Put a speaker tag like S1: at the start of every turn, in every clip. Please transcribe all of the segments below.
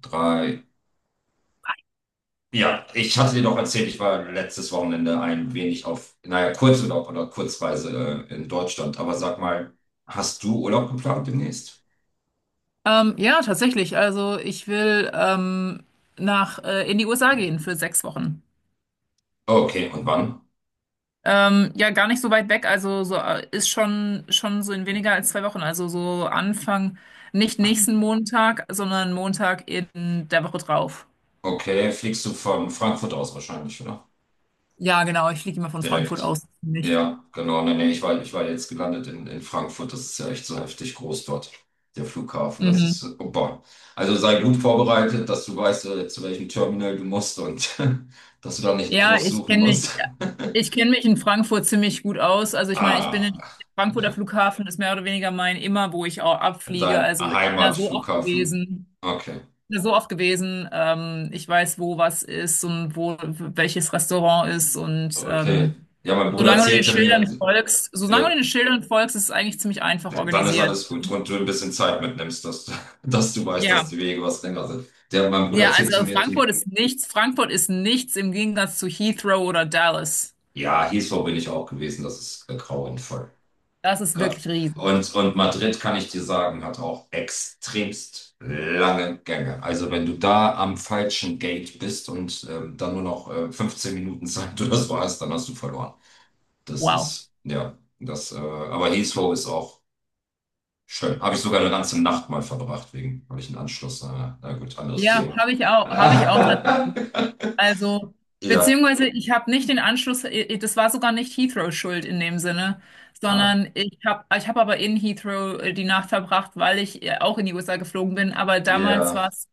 S1: Drei. Ja, ich hatte dir doch erzählt, ich war letztes Wochenende ein wenig auf, naja, Kurzurlaub oder Kurzreise in Deutschland. Aber sag mal, hast du Urlaub geplant demnächst?
S2: Ja, tatsächlich. Also ich will nach in die USA gehen für 6 Wochen.
S1: Okay, und wann?
S2: Ja, gar nicht so weit weg. Also so ist schon so in weniger als 2 Wochen. Also so Anfang, nicht nächsten Montag, sondern Montag in der Woche drauf.
S1: Okay, fliegst du von Frankfurt aus wahrscheinlich, oder?
S2: Ja, genau. Ich fliege immer von Frankfurt
S1: Direkt.
S2: aus. Nicht?
S1: Ja, genau. Nee, nee, ich war jetzt gelandet in Frankfurt. Das ist ja echt so heftig groß dort, der Flughafen.
S2: Mhm.
S1: Oh boah. Also sei gut vorbereitet, dass du weißt, zu welchem Terminal du musst und dass du da nicht
S2: Ja,
S1: groß
S2: ich
S1: suchen
S2: kenne
S1: musst.
S2: mich. Ich kenne mich in Frankfurt ziemlich gut aus. Also ich meine, ich bin
S1: Ah,
S2: in Frankfurter
S1: ja.
S2: Flughafen ist mehr oder weniger mein immer, wo ich auch abfliege.
S1: Dein
S2: Also ich bin da so oft
S1: Heimatflughafen.
S2: gewesen.
S1: Okay,
S2: Ja, so oft gewesen. Ich weiß, wo was ist und wo welches Restaurant ist. Und
S1: okay.
S2: ähm,
S1: Ja, mein Bruder
S2: solange du den
S1: erzählte mir,
S2: Schildern folgst, solange du
S1: ja,
S2: den Schildern folgst, ist es eigentlich ziemlich einfach
S1: dann ist
S2: organisiert.
S1: alles gut und du ein bisschen Zeit mitnimmst, dass du weißt, dass
S2: Ja.
S1: die Wege was länger sind. Der, mein Bruder
S2: Ja,
S1: erzählte
S2: also
S1: mir, die,
S2: Frankfurt ist nichts. Frankfurt ist nichts im Gegensatz zu Heathrow oder Dallas.
S1: ja, Heathrow bin ich auch gewesen, das ist grauenvoll.
S2: Das ist
S1: Gra-
S2: wirklich riesig.
S1: Und Madrid, kann ich dir sagen, hat auch extremst lange Gänge. Also wenn du da am falschen Gate bist und dann nur noch 15 Minuten Zeit oder so hast, dann hast du verloren. Das
S2: Wow.
S1: ist, ja, das, Aber Heathrow ist auch schön. Habe ich sogar eine ganze Nacht mal verbracht, wegen, habe ich einen Anschluss. Na gut, anderes
S2: Ja,
S1: Thema.
S2: habe ich auch, habe ich auch Also,
S1: Ja,
S2: beziehungsweise ich habe nicht den Anschluss, das war sogar nicht Heathrow schuld in dem Sinne,
S1: ah,
S2: sondern ich hab aber in Heathrow die Nacht verbracht, weil ich auch in die USA geflogen bin. Aber damals
S1: ja,
S2: war es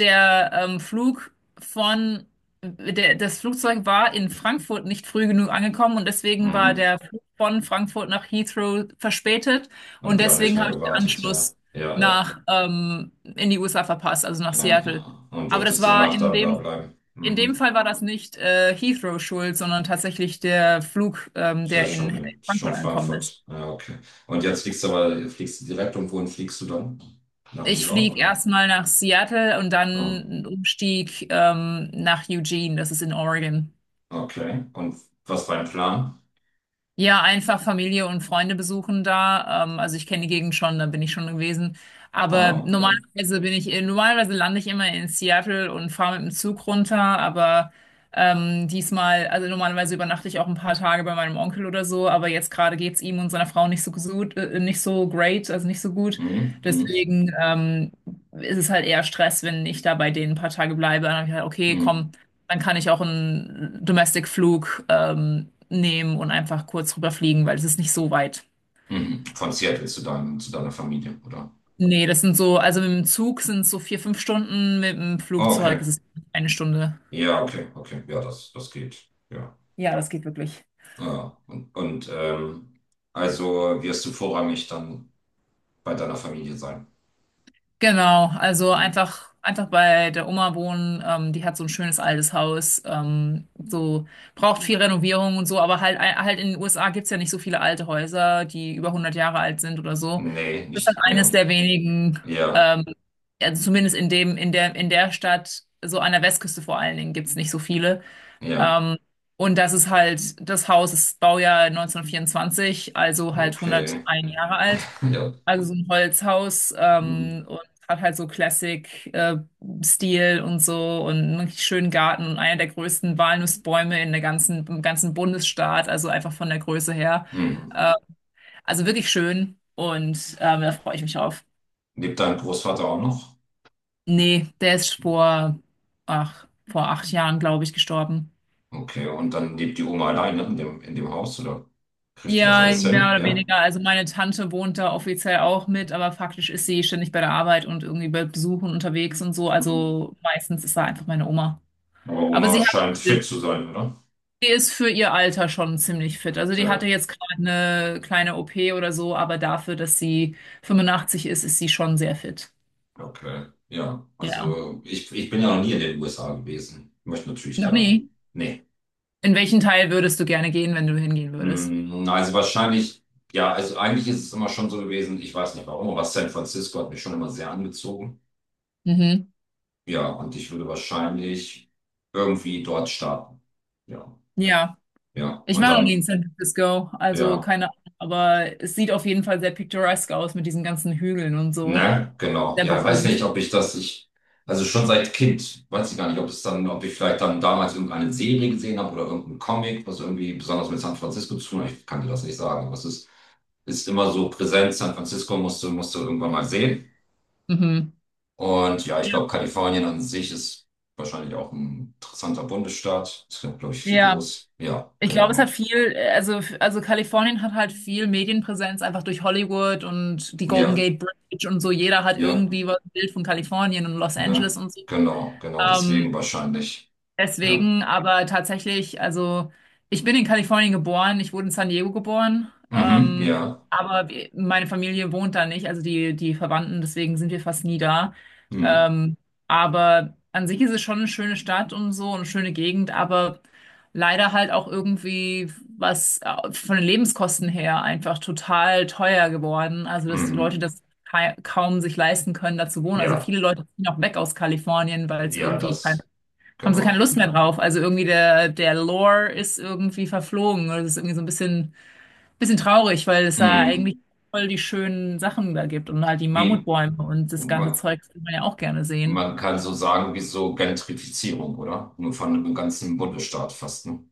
S2: der Flug von, der, das Flugzeug war in Frankfurt nicht früh genug angekommen, und deswegen war
S1: mhm.
S2: der Flug von Frankfurt nach Heathrow verspätet,
S1: Und
S2: und
S1: die haben nicht
S2: deswegen
S1: mehr
S2: habe ich den
S1: gewartet, ja.
S2: Anschluss
S1: Ja, ja.
S2: nach in die USA verpasst, also nach
S1: Ja,
S2: Seattle.
S1: ja. Und
S2: Aber das
S1: durftest die
S2: war
S1: Nacht
S2: in
S1: dann da
S2: dem
S1: bleiben.
S2: In dem
S1: Mhm.
S2: Fall war das nicht Heathrow schuld, sondern tatsächlich der Flug,
S1: Ist ja
S2: der in
S1: schon, schon
S2: Frankfurt angekommen ist.
S1: Frankfurt. Ja, okay. Und jetzt fliegst du aber, fliegst du direkt und wohin fliegst du dann? Nach New
S2: Ich
S1: York,
S2: fliege
S1: oder?
S2: erstmal nach Seattle und dann
S1: Ah,
S2: einen Umstieg nach Eugene, das ist in Oregon.
S1: okay. Und was war dein Plan?
S2: Ja, einfach Familie und Freunde besuchen da. Also ich kenne die Gegend schon, da bin ich schon gewesen. Aber
S1: Ah, okay.
S2: normalerweise lande ich immer in Seattle und fahre mit dem Zug runter. Aber diesmal, also normalerweise übernachte ich auch ein paar Tage bei meinem Onkel oder so. Aber jetzt gerade geht's ihm und seiner Frau nicht so gut, nicht so great, also nicht so gut.
S1: Mhm, mhm,
S2: Deswegen ist es halt eher Stress, wenn ich da bei denen ein paar Tage bleibe. Dann habe ich halt, okay,
S1: mhm,
S2: komm. Dann kann ich auch einen Domestic-Flug nehmen und einfach kurz rüberfliegen, weil es ist nicht so weit.
S1: mhm. Von Seattle zu deinem, zu deiner Familie, oder?
S2: Nee, das sind so, also mit dem Zug sind es so 4, 5 Stunden, mit dem
S1: Ah,
S2: Flugzeug
S1: okay.
S2: ist es 1 Stunde.
S1: Ja, okay, okay. Ja, das, das geht. Ja.
S2: Ja, das geht wirklich.
S1: Ja. Und also wirst du vorrangig dann bei deiner Familie sein?
S2: Genau, also einfach bei der Oma wohnen. Die hat so ein schönes altes Haus. So braucht viel Renovierung und so, aber halt in den USA gibt's ja nicht so viele alte Häuser, die über 100 Jahre alt sind oder so.
S1: Nee,
S2: Das ist halt
S1: nicht.
S2: eines
S1: Ja.
S2: der wenigen,
S1: Ja,
S2: ähm, also zumindest in dem, in der Stadt, so an der Westküste vor allen Dingen, gibt's nicht so viele.
S1: ja.
S2: Ähm, und das Haus ist Baujahr 1924, also halt
S1: Okay.
S2: 101 Jahre alt.
S1: Ja.
S2: Also so ein Holzhaus
S1: Mhm.
S2: und hat halt so Classic-Stil und so, und einen richtig schönen Garten und einer der größten Walnussbäume in der ganzen, im ganzen Bundesstaat, also einfach von der Größe her.
S1: Mhm.
S2: Äh, also wirklich schön, und da freue ich mich auf.
S1: Lebt dein Großvater auch noch?
S2: Nee, der ist vor 8 Jahren, glaube ich, gestorben.
S1: Okay, und dann lebt die Oma alleine in dem Haus, oder? Kriegt die das
S2: Ja,
S1: alles
S2: mehr
S1: hin?
S2: oder
S1: Ja.
S2: weniger. Also meine Tante wohnt da offiziell auch mit, aber faktisch ist sie ständig bei der Arbeit und irgendwie bei Besuchen unterwegs und so.
S1: Mhm.
S2: Also meistens ist da einfach meine Oma.
S1: Aber
S2: Aber
S1: Oma
S2: sie hat
S1: scheint
S2: auch
S1: fit
S2: Hilfe.
S1: zu sein, oder?
S2: Sie ist für ihr Alter schon ziemlich fit. Also die hatte
S1: Ja.
S2: jetzt gerade eine kleine OP oder so, aber dafür, dass sie 85 ist, ist sie schon sehr fit.
S1: Okay, ja.
S2: Ja.
S1: Also ich bin ja noch nie in den USA gewesen. Möchte natürlich
S2: Noch
S1: gerne.
S2: nie.
S1: Nee.
S2: In welchen Teil würdest du gerne gehen, wenn du hingehen würdest?
S1: Also wahrscheinlich, ja, also eigentlich ist es immer schon so gewesen, ich weiß nicht warum, aber San Francisco hat mich schon immer sehr angezogen.
S2: Mhm.
S1: Ja, und ich würde wahrscheinlich irgendwie dort starten. Ja.
S2: Ja.
S1: Ja.
S2: Ich
S1: Und
S2: war noch nie in
S1: dann,
S2: San Francisco, also
S1: ja.
S2: keine Ahnung, aber es sieht auf jeden Fall sehr picturesque aus mit diesen ganzen Hügeln und so.
S1: Ne, genau.
S2: Sehr
S1: Ja, ich weiß
S2: berühmt.
S1: nicht, ob ich das, ich, also schon seit Kind, weiß ich gar nicht, ob es dann, ob ich vielleicht dann damals irgendeine Serie gesehen habe oder irgendeinen Comic, was irgendwie besonders mit San Francisco zu tun hat. Ich kann dir das nicht sagen, ist immer so präsent. San Francisco musst du irgendwann mal sehen.
S2: Mhm.
S1: Und ja, ich
S2: Ja,
S1: glaube, Kalifornien an sich ist wahrscheinlich auch ein interessanter Bundesstaat. Es gibt, glaube ich, viel
S2: ja.
S1: los. Ja,
S2: Ich glaube,
S1: genau.
S2: also Kalifornien hat halt viel Medienpräsenz, einfach durch Hollywood und die Golden
S1: Ja,
S2: Gate Bridge und so. Jeder hat
S1: ja,
S2: irgendwie was ein Bild von Kalifornien und Los Angeles
S1: ne,
S2: und so.
S1: genau, genau, deswegen
S2: Ähm,
S1: wahrscheinlich. Ja.
S2: Deswegen, aber tatsächlich, also ich bin in Kalifornien geboren, ich wurde in San Diego geboren,
S1: Mhm, ja.
S2: aber meine Familie wohnt da nicht, also die, die Verwandten, deswegen sind wir fast nie da.
S1: Mhm,
S2: Ähm, aber an sich ist es schon eine schöne Stadt und so, eine schöne Gegend, aber leider halt auch irgendwie was von den Lebenskosten her einfach total teuer geworden, also dass die Leute
S1: mhm.
S2: das kaum sich leisten können, da zu wohnen. Also
S1: Ja,
S2: viele Leute ziehen auch weg aus Kalifornien, weil es
S1: ja,
S2: irgendwie
S1: das,
S2: haben sie keine
S1: genau.
S2: Lust mehr drauf. Also irgendwie der Lore ist irgendwie verflogen. Das ist irgendwie so ein bisschen traurig, weil es da
S1: Hm.
S2: eigentlich voll die schönen Sachen da gibt, und halt die
S1: Wie,
S2: Mammutbäume und das ganze
S1: man,
S2: Zeug würde man ja auch gerne sehen.
S1: man kann so sagen, wie so Gentrifizierung, oder? Nur von einem ganzen Bundesstaat fast, ne?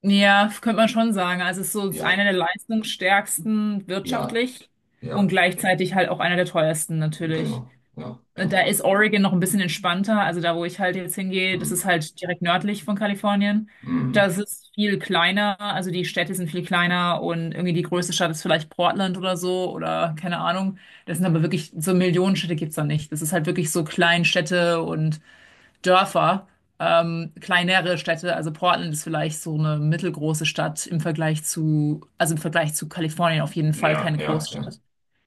S2: Ja, könnte man schon sagen. Also es ist
S1: Ja,
S2: einer der leistungsstärksten
S1: ja,
S2: wirtschaftlich und
S1: ja,
S2: gleichzeitig halt auch einer der teuersten natürlich.
S1: genau. Ja, ja.
S2: Da ist Oregon noch ein bisschen entspannter. Also da, wo ich halt jetzt hingehe, das
S1: Hm.
S2: ist halt direkt nördlich von Kalifornien.
S1: Hm.
S2: Das ist viel kleiner. Also die Städte sind viel kleiner, und irgendwie die größte Stadt ist vielleicht Portland oder so, oder keine Ahnung. Das sind aber wirklich so Millionenstädte gibt's da nicht. Das ist halt wirklich so Kleinstädte und Dörfer, kleinere Städte. Also Portland ist vielleicht so eine mittelgroße Stadt im Vergleich zu Kalifornien, auf jeden Fall
S1: Ja,
S2: keine
S1: ja, ja,
S2: Großstadt.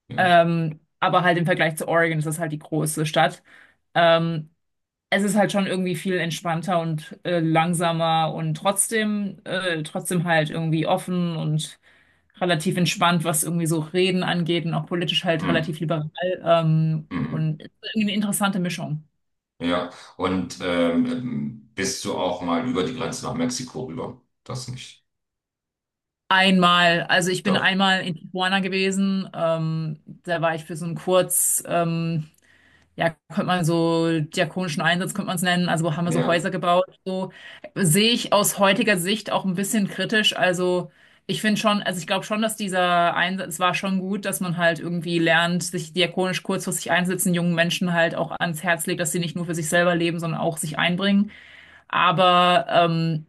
S1: ja.
S2: Aber halt im Vergleich zu Oregon ist das halt die große Stadt. Ähm, Es ist halt schon irgendwie viel entspannter und langsamer, und trotzdem, halt irgendwie offen und relativ entspannt, was irgendwie so Reden angeht, und auch politisch halt
S1: Hm.
S2: relativ liberal.
S1: Hm.
S2: Und es ist irgendwie eine interessante Mischung.
S1: Ja. Und bist du auch mal über die Grenze nach Mexiko rüber? Das nicht.
S2: Einmal, also ich bin
S1: Doch.
S2: einmal in Tijuana gewesen, da war ich für so einen Kurzurlaub, ja, könnte man so diakonischen Einsatz, könnte man es nennen. Also haben wir so
S1: Ja,
S2: Häuser gebaut. So sehe ich aus heutiger Sicht auch ein bisschen kritisch. Also ich finde schon, also ich glaube schon, dass dieser Einsatz war schon gut, dass man halt irgendwie lernt, sich diakonisch kurzfristig einsetzen, jungen Menschen halt auch ans Herz legt, dass sie nicht nur für sich selber leben, sondern auch sich einbringen. Aber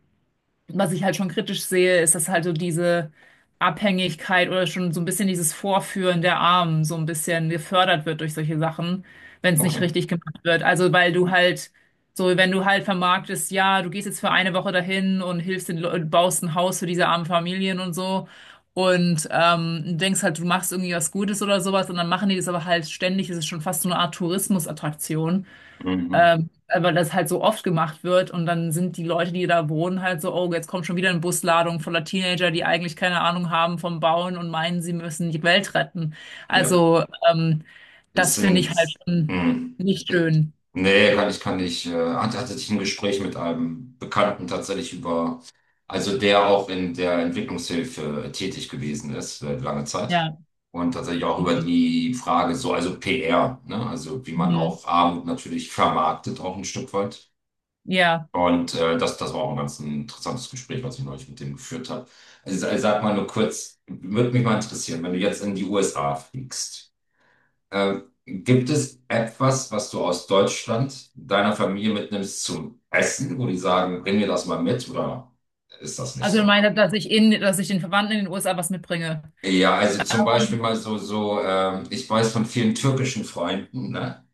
S2: was ich halt schon kritisch sehe, ist, dass halt so diese Abhängigkeit oder schon so ein bisschen dieses Vorführen der Armen so ein bisschen gefördert wird durch solche Sachen, wenn es nicht
S1: okay.
S2: richtig gemacht wird. Also, weil du halt, so, wenn du halt vermarktest, ja, du gehst jetzt für eine Woche dahin und hilfst baust ein Haus für diese armen Familien und so, und denkst halt, du machst irgendwie was Gutes oder sowas, und dann machen die das aber halt ständig, das ist schon fast so eine Art Tourismusattraktion.
S1: Mhm.
S2: Weil das halt so oft gemacht wird, und dann sind die Leute, die da wohnen, halt so, oh, jetzt kommt schon wieder eine Busladung voller Teenager, die eigentlich keine Ahnung haben vom Bauen und meinen, sie müssen die Welt retten.
S1: Ja.
S2: Also, ähm,
S1: Es
S2: das finde ich
S1: sind.
S2: halt schon
S1: Hm.
S2: nicht schön.
S1: Nee, hatte ich ein Gespräch mit einem Bekannten tatsächlich über, also der auch in der Entwicklungshilfe tätig gewesen ist, lange Zeit.
S2: Ja.
S1: Und tatsächlich auch über
S2: Mhm.
S1: die Frage so, also PR, ne? Also wie man
S2: Mhm.
S1: auch Armut natürlich vermarktet, auch ein Stück weit.
S2: Ja.
S1: Das war auch ein ganz interessantes Gespräch, was ich neulich mit dem geführt habe. Also sag mal nur kurz, würde mich mal interessieren, wenn du jetzt in die USA fliegst. Äh, Gibt es etwas, was du aus Deutschland deiner Familie mitnimmst zum Essen, wo die sagen, bring mir das mal mit, oder ist das nicht
S2: Also, ich
S1: so?
S2: meine, dass ich den Verwandten in den USA was mitbringe.
S1: Ja, also zum Beispiel mal so, ich weiß von vielen türkischen Freunden, ne?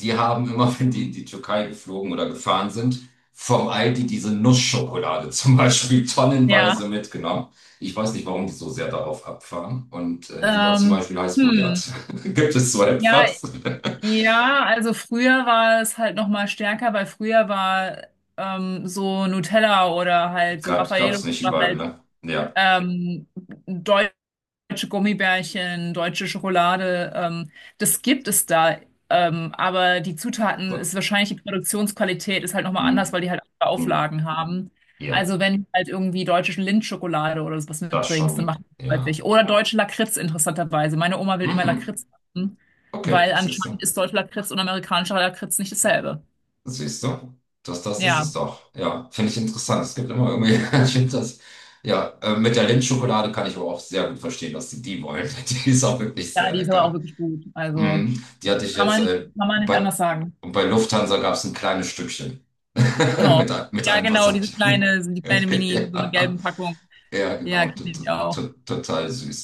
S1: Die haben immer, wenn die in die Türkei geflogen oder gefahren sind, vom Aldi diese Nussschokolade zum Beispiel
S2: Ja.
S1: tonnenweise mitgenommen. Ich weiß nicht, warum die so sehr darauf abfahren. Die war zum
S2: Ähm,
S1: Beispiel heiß
S2: hm.
S1: begehrt. Gibt es so
S2: Ja,
S1: etwas?
S2: ja, also früher war es halt noch mal stärker, weil früher war so Nutella oder halt so
S1: Gab's,
S2: Raffaello
S1: gab's nicht
S2: oder
S1: überall,
S2: halt
S1: ne? Ja.
S2: ähm, deutsche Gummibärchen, deutsche Schokolade, das gibt es da. Aber die Zutaten
S1: So.
S2: ist wahrscheinlich die Produktionsqualität ist halt nochmal anders, weil
S1: Hm.
S2: die halt andere
S1: Hm.
S2: Auflagen haben.
S1: Ja,
S2: Also wenn du halt irgendwie deutsche Lindschokolade oder sowas
S1: das schon,
S2: mitbringst, dann
S1: ne?
S2: macht das halt
S1: Ja.
S2: nicht. Oder deutsche Lakritz interessanterweise. Meine Oma will immer
S1: Mhm.
S2: Lakritz haben,
S1: Okay,
S2: weil
S1: siehst du.
S2: anscheinend ist deutscher Lakritz und amerikanischer Lakritz nicht dasselbe.
S1: Siehst du? Das, das ist es
S2: Ja,
S1: doch. Ja, finde ich interessant. Es gibt immer irgendwie, ich finde das, ja, mit der Lindschokolade kann ich aber auch sehr gut verstehen, dass die die wollen. Die ist auch wirklich
S2: ja,
S1: sehr
S2: die ist aber auch
S1: lecker.
S2: wirklich gut. Also
S1: Mhm. Die hatte ich
S2: kann
S1: jetzt,
S2: man nicht, kann man nicht
S1: bei,
S2: anders sagen.
S1: Und bei Lufthansa gab es ein kleines Stückchen
S2: Oh.
S1: mit
S2: Ja,
S1: einem
S2: genau, diese
S1: Passage.
S2: kleine, die kleine Mini, so eine
S1: Ja.
S2: gelben Packung.
S1: Ja,
S2: Ja,
S1: genau,
S2: kenne ich auch.
S1: total süß.